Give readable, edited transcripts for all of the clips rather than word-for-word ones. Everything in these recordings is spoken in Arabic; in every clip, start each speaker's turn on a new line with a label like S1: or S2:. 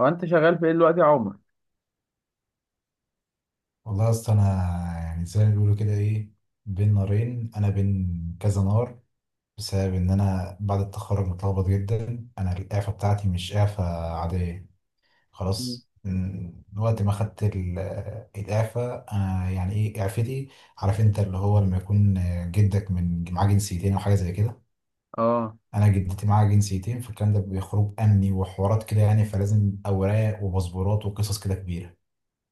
S1: هو انت شغال في ايه دلوقتي يا عمر؟
S2: والله يا اسطى انا، يعني زي ما بيقولوا كده ايه، بين نارين، انا بين كذا نار، بسبب ان انا بعد التخرج متلخبط جدا. انا الاعفاء بتاعتي مش اعفاء عاديه،
S1: مم.
S2: خلاص. من وقت ما خدت الاعفاء. انا يعني ايه، اعفتي، عارف انت اللي هو لما يكون جدك من معاه جنسيتين او حاجه زي كده.
S1: اه.
S2: انا جدتي معاها جنسيتين، فالكلام ده بيخرج امني وحوارات كده يعني، فلازم اوراق وباسبورات وقصص كده كبيره،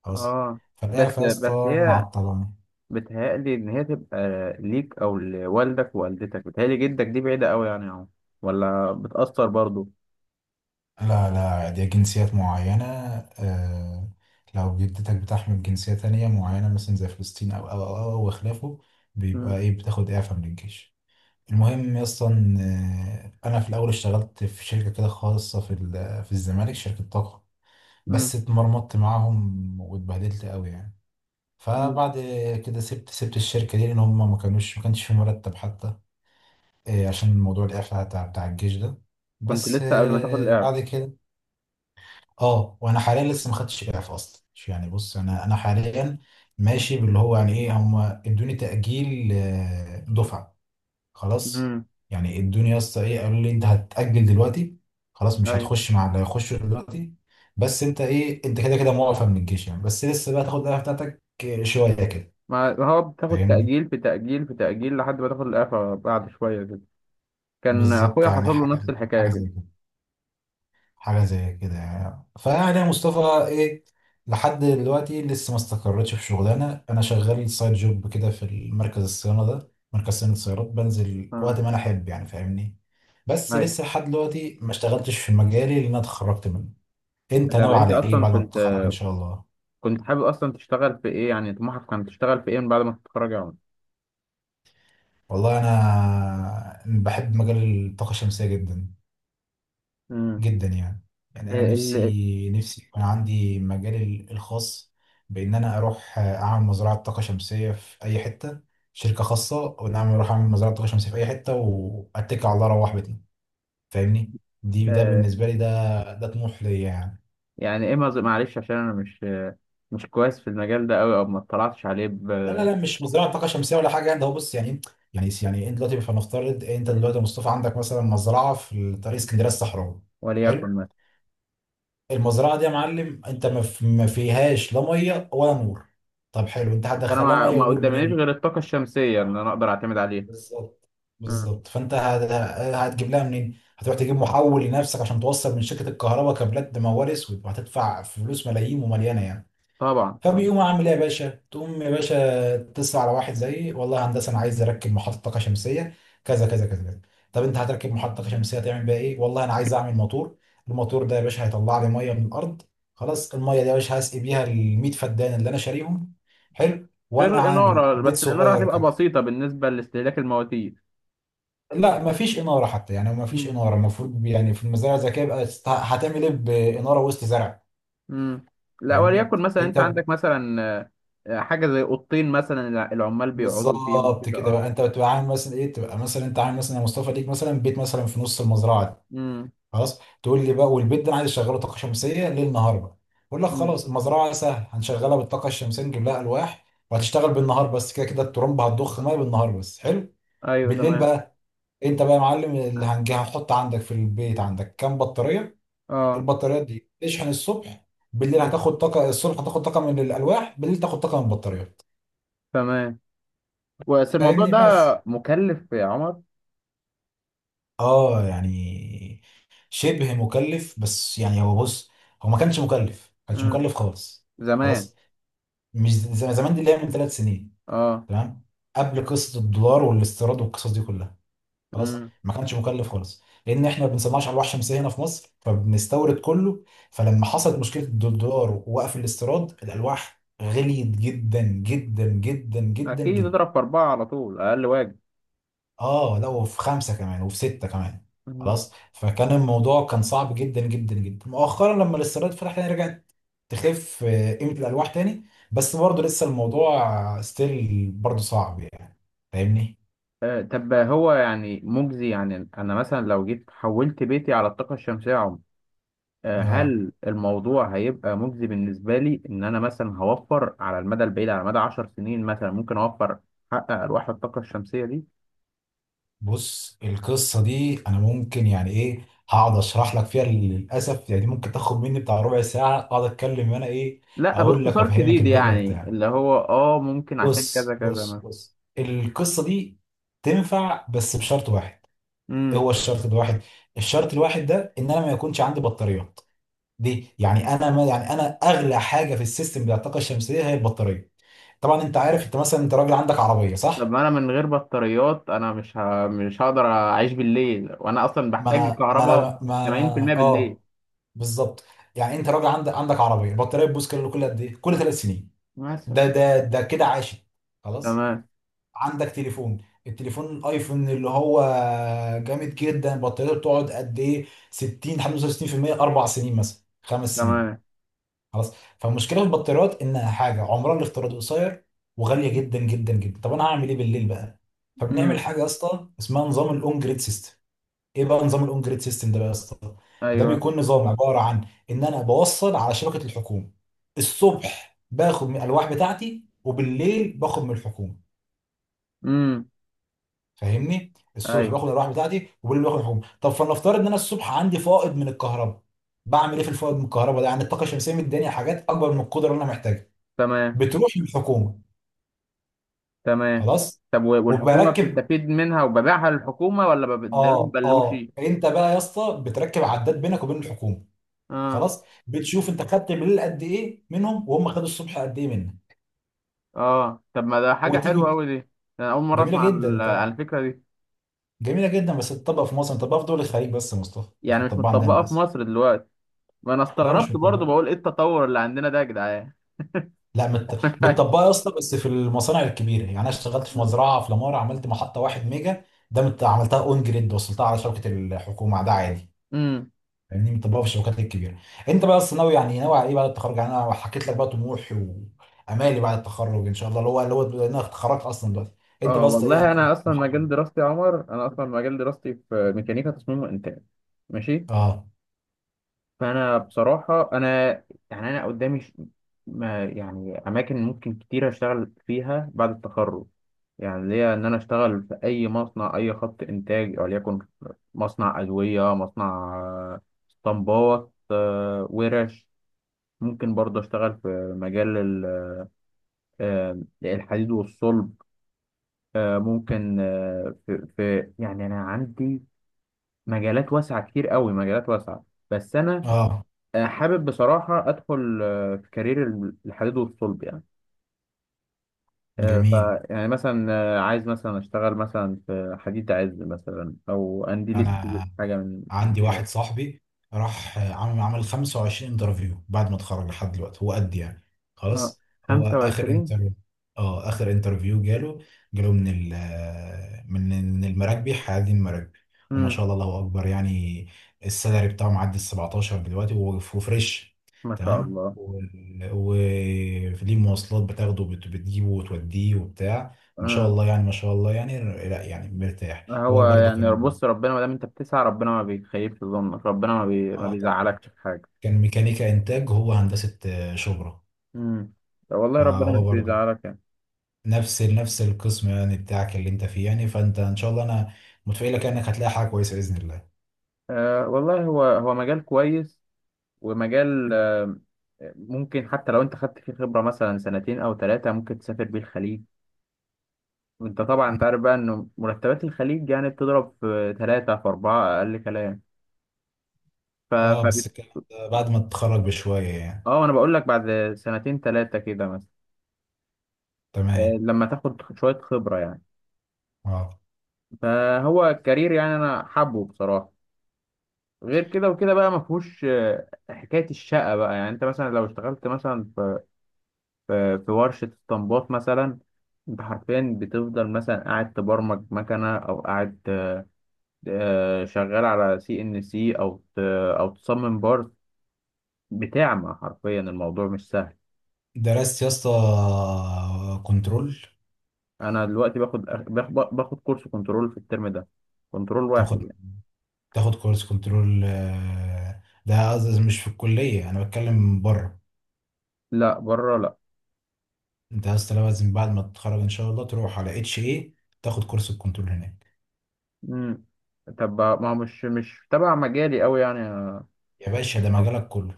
S2: خلاص.
S1: اه. بس
S2: فالاعفاء يا
S1: بس
S2: اسطى
S1: هي
S2: معطلاني.
S1: بتهيألي ان هي تبقى ليك او لوالدك ووالدتك، بتهيألي جدك دي بعيدة قوي يعني يا عمر، ولا بتأثر برضو؟
S2: لا لا، دي جنسيات معينة. آه، لو جدتك بتحمل جنسية تانية معينة مثلا زي فلسطين أو وخلافه، بيبقى
S1: مم.
S2: إيه، بتاخد إعفاء من الجيش. المهم أصلا، أنا في الأول اشتغلت في شركة كده خاصة في الزمالك، شركة طاقة.
S1: مم.
S2: بس اتمرمطت معاهم واتبهدلت قوي يعني.
S1: مم.
S2: فبعد كده سبت الشركة دي، لأن هم ما كانوش، ما كانش في مرتب حتى، عشان موضوع الإعفاء بتاع الجيش ده.
S1: كنت
S2: بس،
S1: لسه قبل ما تاخد الإعفاء؟
S2: بعد كده، اه، وانا حاليا لسه ما خدتش اعفاء اصلا يعني. بص انا حاليا ماشي باللي هو يعني ايه، هم ادوني تاجيل، دفعه، خلاص.
S1: امم.
S2: يعني ادوني يا اسطى ايه، قالوا لي انت هتاجل دلوقتي، خلاص مش
S1: ايوه.
S2: هتخش مع اللي هيخشوا دلوقتي. بس انت ايه، انت كده كده موقف من الجيش يعني، بس لسه بقى تاخد الاعفاء بتاعتك شويه كده.
S1: ما هو بتاخد
S2: فاهمني.
S1: تأجيل في تأجيل في تأجيل لحد ما تاخد الإعفاء بعد شوية كده. كان
S2: بالظبط،
S1: أخويا
S2: يعني
S1: حصل له نفس
S2: حاجه،
S1: الحكاية
S2: حاجه
S1: كده.
S2: زي كده، حاجة زي كده يعني. فيعني يا مصطفى ايه، لحد دلوقتي لسه ما استقرتش في شغلانة. انا شغال سايد جوب كده في مركز الصيانة ده، مركز صيانة السيارات، بنزل
S1: اه.
S2: وقت ما انا احب يعني، فاهمني. بس
S1: ايوه.
S2: لسه لحد دلوقتي ما اشتغلتش في مجالي، لان انا اتخرجت منه. انت
S1: طب
S2: ناوي
S1: أنت
S2: على ايه
S1: أصلا
S2: بعد ما
S1: كنت
S2: تتخرج ان شاء الله؟
S1: كنت حابب أصلا تشتغل في إيه؟ يعني طموحك كان تشتغل في إيه من بعد ما تتخرج يا عمر؟
S2: والله انا بحب مجال الطاقة الشمسية جدا،
S1: امم.
S2: جدا يعني. يعني انا
S1: ال...
S2: نفسي يكون عندي مجالي الخاص، بان انا اروح اعمل مزرعه طاقه شمسيه في اي حته، شركه خاصه، وان انا اروح اعمل مزرعه طاقه شمسيه في اي حته واتكل على الله اروح بيتنا. فاهمني. دي،
S1: آه،
S2: بالنسبه لي ده، طموح ليا يعني.
S1: يعني اما معلش، عشان انا مش كويس في المجال ده قوي او ما اطلعتش عليه
S2: لا لا لا، مش مزرعه طاقه شمسيه ولا حاجه، ده هو بص يعني. يعني انت دلوقتي، فنفترض انت دلوقتي يا مصطفى عندك مثلا مزرعه في طريق اسكندريه الصحراوي،
S1: وليكن
S2: حلو؟
S1: مثلا
S2: المزرعه دي يا معلم انت ما فيهاش لا ميه ولا نور. طب حلو، انت
S1: فانا
S2: هتدخلها ميه
S1: ما
S2: ونور
S1: قدامنيش
S2: منين؟
S1: غير الطاقه الشمسيه اللي انا اقدر اعتمد عليها.
S2: بالظبط.
S1: امم.
S2: بالظبط. فانت هتجيب لها منين؟ هتروح تجيب محول لنفسك عشان توصل من شركه الكهرباء كابلات بموال اسود، وهتدفع فلوس ملايين ومليانه يعني.
S1: طبعا.
S2: فبيقوم عامل ايه يا باشا، تقوم يا باشا تتصل على واحد زيي، والله يا هندسه انا عايز اركب محطه طاقه شمسيه، كذا كذا كذا كذا. طب انت هتركب محطه طاقه شمسيه هتعمل بيها ايه؟ والله انا عايز اعمل موتور. الموتور ده يا باشا هيطلع لي ميه من الارض، خلاص. الميه دي يا باشا هسقي بيها ال 100 فدان اللي انا شاريهم، حلو، وانا
S1: غير
S2: عامل
S1: الاناره،
S2: بيت
S1: بس الاناره
S2: صغير
S1: هتبقى
S2: كده.
S1: بسيطه بالنسبه لاستهلاك المواتير.
S2: لا مفيش اناره حتى يعني، مفيش
S1: امم.
S2: اناره. المفروض يعني في المزارع الذكيه بقى، هتعمل ايه باناره وسط زرع؟
S1: امم. لا،
S2: فاهمني.
S1: وليكن مثلا انت
S2: انت،
S1: عندك مثلا حاجه زي اوضتين، مثلا العمال بيقعدوا فيهم
S2: بالظبط
S1: كده،
S2: كده
S1: اه.
S2: بقى، انت بتبقى عامل مثلا ايه، تبقى مثلا انت عامل مثلا يا مصطفى ليك مثلا بيت مثلا في نص المزرعه دي،
S1: امم.
S2: خلاص. تقول لي بقى، والبيت ده انا عايز اشغله طاقه شمسيه ليل نهار بقى. اقول لك
S1: امم.
S2: خلاص، المزرعه سهل هنشغلها بالطاقه الشمسيه، نجيب لها الواح وهتشتغل بالنهار بس، كده كده الترمبه هتضخ ميه بالنهار بس، حلو.
S1: ايوه،
S2: بالليل
S1: تمام.
S2: بقى، انت بقى يا معلم اللي هنجي هنحط عندك في البيت عندك كام بطاريه.
S1: اه.
S2: البطاريات دي تشحن الصبح، بالليل هتاخد طاقه، الصبح هتاخد طاقه من الالواح، بالليل تاخد طاقه من البطاريات.
S1: تمام. بس الموضوع
S2: فاهمني.
S1: ده
S2: بس
S1: مكلف يا عمر.
S2: اه يعني، شبه مكلف، بس يعني هو بص، هو ما كانش مكلف، ما كانش
S1: مم.
S2: مكلف خالص،
S1: زمان.
S2: خلاص. مش زي زمان، دي اللي هي من ثلاث سنين،
S1: اه.
S2: تمام، قبل قصه الدولار والاستيراد والقصص دي كلها، خلاص،
S1: مم.
S2: ما كانش مكلف خالص. لان احنا ما بنصنعش الواح شمسيه هنا في مصر، فبنستورد كله. فلما حصلت مشكله الدولار ووقف الاستيراد، الالواح غليت جدا جدا جدا جدا
S1: اكيد،
S2: جدا.
S1: اضرب في اربعة على طول، اقل واجب.
S2: اه، لا، وفي خمسه كمان وفي سته كمان،
S1: مم.
S2: خلاص. فكان الموضوع كان صعب جدا جدا جدا. مؤخرا لما الاستيراد فتح تاني، رجعت تخف قيمه الالواح تاني، بس برضه لسه الموضوع ستيل برضه صعب يعني، فاهمني.
S1: طب هو يعني مجزي؟ يعني انا مثلا لو جيت حولت بيتي على الطاقه الشمسيه يا عمر،
S2: اه،
S1: هل الموضوع هيبقى مجزي بالنسبه لي ان انا مثلا هوفر على المدى البعيد، على مدى 10 سنين مثلا ممكن اوفر حق ارواح الطاقه الشمسيه دي؟
S2: بص القصه دي انا ممكن يعني ايه هقعد اشرح لك فيها للاسف يعني، دي ممكن تاخد مني بتاع ربع ساعه اقعد اتكلم وانا ايه،
S1: لا،
S2: اقول لك
S1: باختصار
S2: وافهمك
S1: شديد،
S2: الدنيا
S1: يعني
S2: بتاع.
S1: اللي هو ممكن عشان كذا
S2: بص بص
S1: كذا.
S2: بص، القصه دي تنفع بس بشرط واحد.
S1: مثلا.
S2: هو الشرط الواحد، الشرط الواحد ده، ان انا ما يكونش عندي بطاريات دي. يعني انا، ما، يعني انا اغلى حاجه في السيستم بتاع الطاقه الشمسيه هي البطاريه. طبعا انت عارف، انت مثلا انت راجل عندك عربيه،
S1: طب
S2: صح؟
S1: ما انا من غير بطاريات انا مش هقدر اعيش بالليل وانا اصلا
S2: ما
S1: بحتاج
S2: انا ما
S1: الكهرباء
S2: انا ما انا
S1: 80% بالليل.
S2: اه، بالظبط. يعني انت راجل عندك عربيه، البطاريه بتبوظ كل قد ايه، كل ثلاث سنين،
S1: مثلا.
S2: ده كده عاشت، خلاص.
S1: تمام.
S2: عندك تليفون، التليفون الايفون اللي هو جامد جدا بطاريته بتقعد قد ايه، 60 65% اربع سنين مثلا، خمس سنين،
S1: تمام.
S2: خلاص. فالمشكله في البطاريات انها حاجه عمرها الافتراضي قصير وغاليه جدا جدا جدا. طب انا هعمل ايه بالليل بقى؟ فبنعمل
S1: امم.
S2: حاجه يا اسطى اسمها نظام الاون جريد سيستم. ايه بقى نظام الاون جريد سيستم ده بقى يا اسطى؟ ده
S1: ايوه.
S2: بيكون نظام عباره عن ان انا بوصل على شبكه الحكومه، الصبح باخد من الالواح بتاعتي وبالليل باخد من الحكومه.
S1: امم.
S2: فاهمني، الصبح
S1: ايوه.
S2: باخد الالواح بتاعتي وبالليل باخد الحكومه. طب فلنفترض ان انا الصبح عندي فائض من الكهرباء، بعمل ايه في الفائض من الكهرباء ده؟ يعني الطاقه الشمسيه مداني حاجات اكبر من القدره اللي انا محتاجها،
S1: تمام.
S2: بتروح للحكومه،
S1: تمام.
S2: خلاص.
S1: طب والحكومه
S2: وبركب،
S1: بتستفيد منها وببيعها للحكومه ولا ببدلهم
S2: اه اه،
S1: بلوشي؟
S2: انت بقى يا اسطى بتركب عداد بينك وبين الحكومه،
S1: اه.
S2: خلاص، بتشوف انت خدت بالليل قد ايه منهم وهم خدوا الصبح قد ايه منك.
S1: اه. طب ما ده حاجه حلوه
S2: وتيجي،
S1: قوي دي. انا اول مره
S2: جميله
S1: اسمع عن
S2: جدا. انت،
S1: عن الفكره دي.
S2: جميله جدا، بس تطبق في مصر، تطبق في دول الخليج بس يا مصطفى، مش
S1: يعني مش
S2: متطبقه عندنا
S1: متطبقه في
S2: للاسف.
S1: مصر دلوقتي؟ ما انا
S2: لا مش
S1: استغربت برضو،
S2: متطبقه.
S1: بقول ايه التطور اللي عندنا ده يا جدعان!
S2: لا، متطبقه يا اسطى بس في المصانع الكبيره. يعني انا اشتغلت في مزرعه في لامار، عملت محطه واحد ميجا، ده، عملتها اون جريد، وصلتها على شبكه الحكومه، ده عادي.
S1: امم.
S2: فاهمني، ما تطبقها في الشبكات الكبيره. انت بقى اصلا ناوي يعني، ناوي على ايه بعد التخرج؟ يعني انا حكيت لك بقى طموحي وامالي بعد التخرج ان شاء الله، اللي هو لأن انا اتخرجت اصلا دلوقتي. انت
S1: اه.
S2: بس ايه
S1: والله
S2: امالك
S1: انا اصلا
S2: طموحك؟
S1: مجال دراستي يا عمر، انا اصلا مجال دراستي في ميكانيكا تصميم وانتاج. ماشي.
S2: اه
S1: فانا بصراحه انا، يعني انا قدامي ما يعني اماكن ممكن كتير اشتغل فيها بعد التخرج. يعني ليا ان انا اشتغل في اي مصنع، اي خط انتاج، وليكن مصنع ادويه، مصنع اسطمبات، ورش. ممكن برضه اشتغل في مجال الحديد والصلب. ممكن في يعني انا عندي مجالات واسعه كتير قوي، مجالات واسعه. بس انا
S2: اه،
S1: حابب بصراحه ادخل في كارير الحديد والصلب يعني. آه، ف
S2: جميل.
S1: يعني مثلا عايز مثلا اشتغل مثلا في حديد عز، مثلا او قنديل ستيل،
S2: انا
S1: حاجه من
S2: عندي
S1: كده.
S2: واحد صاحبي راح، عمل 25 انترفيو بعد ما اتخرج لحد دلوقتي، هو قد يعني،
S1: آه،
S2: خلاص. هو اخر
S1: 25.
S2: انترفيو، اه اخر انترفيو جاله من ال من من المراكبي حيادي المراكبي. وما
S1: امم.
S2: شاء الله، الله اكبر يعني، السالري بتاعه معدي ال 17 دلوقتي، وهو وفريش،
S1: ما شاء
S2: تمام،
S1: الله.
S2: وليه مواصلات بتاخده وبت- بتجيبه وتوديه وبتاع، ما شاء
S1: آه،
S2: الله يعني، ما شاء الله يعني. لا يعني مرتاح،
S1: هو
S2: هو برضه
S1: يعني،
S2: كان،
S1: بص، ربنا ما دام انت بتسعى ربنا ما بيخيبش ظنك، ربنا ما
S2: اه طبعا،
S1: بيزعلكش في حاجه.
S2: كان ميكانيكا انتاج، هو هندسة شبرا.
S1: امم. والله ربنا مش
S2: فهو برضو
S1: بيزعلك يعني.
S2: نفس القسم يعني بتاعك اللي انت فيه يعني، فانت ان شاء الله انا متفائلك انك هتلاقي حاجة كويسة بإذن الله.
S1: والله هو مجال كويس ومجال ممكن، حتى لو انت خدت فيه خبرة مثلا سنتين او ثلاثة ممكن تسافر بيه الخليج. وانت طبعا
S2: م.
S1: انت عارف بقى انه مرتبات الخليج يعني بتضرب في ثلاثة في أربعة، اقل كلام. ف
S2: اه،
S1: ف
S2: بس الكلام ده بعد ما تتخرج بشوية يعني،
S1: اه انا بقول لك بعد سنتين ثلاثة كده مثلا.
S2: تمام.
S1: لما تاخد شوية خبرة يعني.
S2: اه،
S1: فهو الكارير، يعني انا حابه بصراحة. غير كده وكده بقى، ما فيهوش حكاية الشقة بقى، يعني انت مثلا لو اشتغلت مثلا في ورشة اسطمبات مثلا، انت حرفيا بتفضل مثلا قاعد تبرمج مكنة، او قاعد شغال على سي ان سي، او تصمم بارت. بتعمى حرفيا، الموضوع مش سهل.
S2: درست يا اسطى كنترول؟
S1: انا دلوقتي باخد كورس كنترول في الترم ده، كنترول واحد
S2: تاخد
S1: يعني.
S2: تاخد كورس كنترول ده، قصدي مش في الكلية، انا بتكلم بره.
S1: لا بره، لا.
S2: انت يا اسطى لازم بعد ما تتخرج ان شاء الله تروح على اتش اي، تاخد كورس الكنترول هناك.
S1: مم. طب ما هو مش تبع مجالي قوي يعني.
S2: يا باشا ده
S1: أو.
S2: مجالك كله،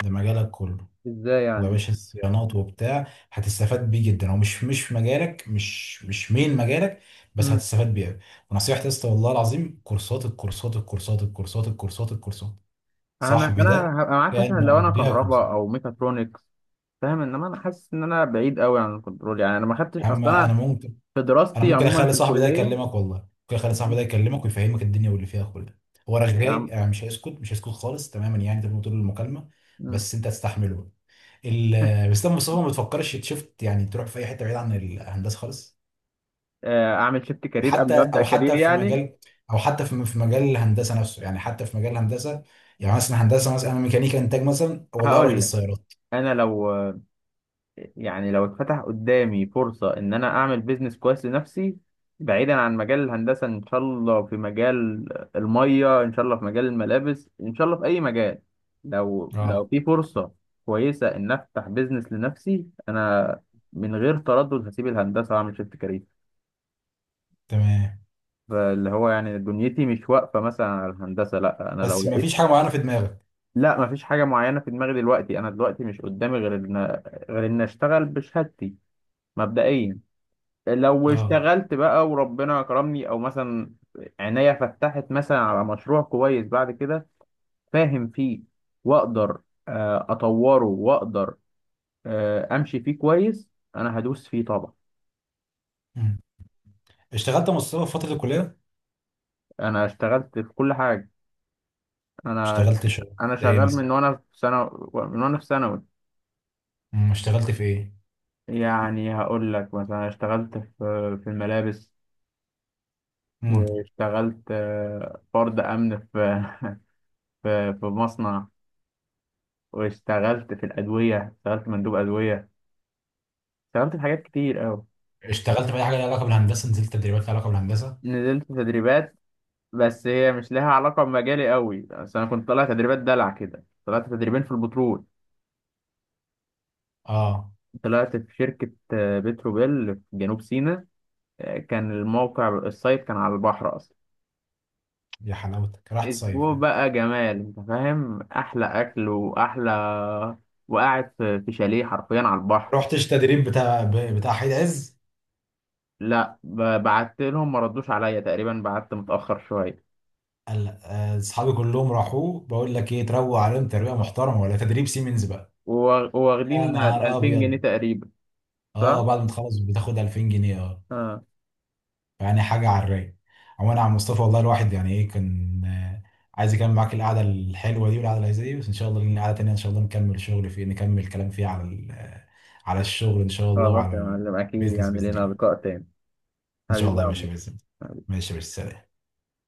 S2: ده مجالك كله.
S1: ازاي
S2: هو يا
S1: يعني؟
S2: باشا الصيانات وبتاع هتستفاد بيه جدا، هو مش في مجالك، مش مين مجالك، بس
S1: مم.
S2: هتستفاد بيه أوي. ونصيحتي يا اسطى والله العظيم، كورسات، الكورسات الكورسات الكورسات الكورسات الكورسات.
S1: انا
S2: صاحبي ده
S1: انا هبقى معاك
S2: كان
S1: مثلا لو انا
S2: مقضيها كورسات.
S1: كهرباء او ميكاترونكس، فاهم، انما انا حاسس ان انا بعيد قوي عن الكنترول، يعني انا ما خدتش
S2: يا عم
S1: اصلا،
S2: انا
S1: انا
S2: ممكن
S1: في
S2: انا
S1: دراستي
S2: ممكن
S1: عموما
S2: اخلي
S1: في
S2: صاحبي ده
S1: الكليه
S2: يكلمك، والله ممكن اخلي صاحبي ده يكلمك ويفهمك الدنيا واللي فيها كلها. هو رغاي
S1: يعني.
S2: يعني، مش هيسكت، مش هيسكت خالص تماما يعني، تبقى طول المكالمه،
S1: مم.
S2: بس انت هتستحمله. بس ده مصطفى ما بتفكرش شفت يعني تروح في اي حته بعيد عن الهندسه خالص،
S1: اعمل شيفت
S2: او
S1: كارير قبل
S2: حتى
S1: ما ابدا
S2: او
S1: كارير
S2: حتى في
S1: يعني؟
S2: مجال، او حتى في مجال الهندسه نفسه يعني، حتى في مجال الهندسه. يعني مثلا هندسه، مثلا انا ميكانيكا انتاج، مثلا والله هروح
S1: هقول لك،
S2: للسيارات.
S1: انا لو، يعني لو اتفتح قدامي فرصه ان انا اعمل بيزنس كويس لنفسي بعيدا عن مجال الهندسه، ان شاء الله في مجال الميه، ان شاء الله في مجال الملابس، ان شاء الله في اي مجال، لو
S2: اه
S1: في فرصه كويسه ان افتح بيزنس لنفسي، انا من غير تردد هسيب الهندسه واعمل شيفت كارير.
S2: تمام.
S1: فاللي هو يعني دنيتي مش واقفة مثلا على الهندسة، لا أنا لو
S2: بس ما
S1: لقيت.
S2: فيش حاجه معينه في دماغك؟
S1: لا، مفيش حاجة معينة في دماغي دلوقتي. أنا دلوقتي مش قدامي غير إن أشتغل بشهادتي مبدئيا. لو
S2: اه.
S1: اشتغلت بقى وربنا كرمني، أو مثلا عينيا فتحت مثلا على مشروع كويس بعد كده فاهم فيه، وأقدر أطوره، وأقدر أمشي فيه كويس. أنا هدوس فيه طبعا.
S2: مم. اشتغلت يا مصطفى في فتره الكليه؟
S1: أنا اشتغلت في كل حاجة. أنا
S2: اشتغلت شغل
S1: أنا
S2: زي ايه
S1: شغال
S2: مثلا؟
S1: من وأنا في ثانوي.
S2: مم. اشتغلت في ايه؟
S1: يعني هقول لك مثلا اشتغلت في في الملابس.
S2: مم.
S1: واشتغلت فرد امن في في مصنع، واشتغلت في الادويه، اشتغلت مندوب ادويه. اشتغلت في حاجات كتير قوي.
S2: اشتغلت في اي حاجه لها علاقه بالهندسه؟ نزلت تدريبات لها علاقه بالهندسه؟
S1: نزلت تدريبات، بس هي مش لها علاقه بمجالي قوي، بس انا كنت طالع تدريبات دلع كده. طلعت تدريبين في البترول،
S2: اه.
S1: طلعت في شركه بتروبيل في جنوب سيناء. كان الموقع السايت كان على البحر اصلا.
S2: يا حلاوتك، رحت صيف
S1: اسبوع
S2: يعني.
S1: بقى جمال، انت فاهم، احلى اكل واحلى، وقاعد في شاليه حرفيا على البحر.
S2: رحتش تدريب بتاع حيد عز؟
S1: لا بعت لهم ما ردوش عليا تقريبا، بعت متاخر شويه.
S2: قال لأ. اصحابي كلهم راحوا، بقول لك ايه، تروق عليهم تربيه محترمه ولا تدريب سيمنز بقى. يا
S1: وواخدين
S2: نهار
S1: 2000 جنيه
S2: ابيض،
S1: تقريبا. صح.
S2: اه، بعد ما تخلص بتاخد 2000 جنيه، اه.
S1: اه.
S2: يعني حاجه على الرايق. عموما يا عم مصطفى، والله الواحد يعني ايه كان عايز يكمل معاك القعده الحلوه دي، والقعده اللذيذه دي، بس ان شاء الله لنا قعده تانيه ان شاء الله، نكمل شغل فيه، نكمل كلام فيه على على الشغل ان شاء الله،
S1: خلاص
S2: وعلى
S1: يا معلم، اكيد
S2: البيزنس
S1: يعني
S2: باذن
S1: لينا
S2: الله.
S1: لقاء تاني.
S2: ان شاء
S1: حبيبي
S2: الله
S1: يا
S2: يا
S1: عمر.
S2: باشا، باذن الله. ماشي يا باشا، سلام.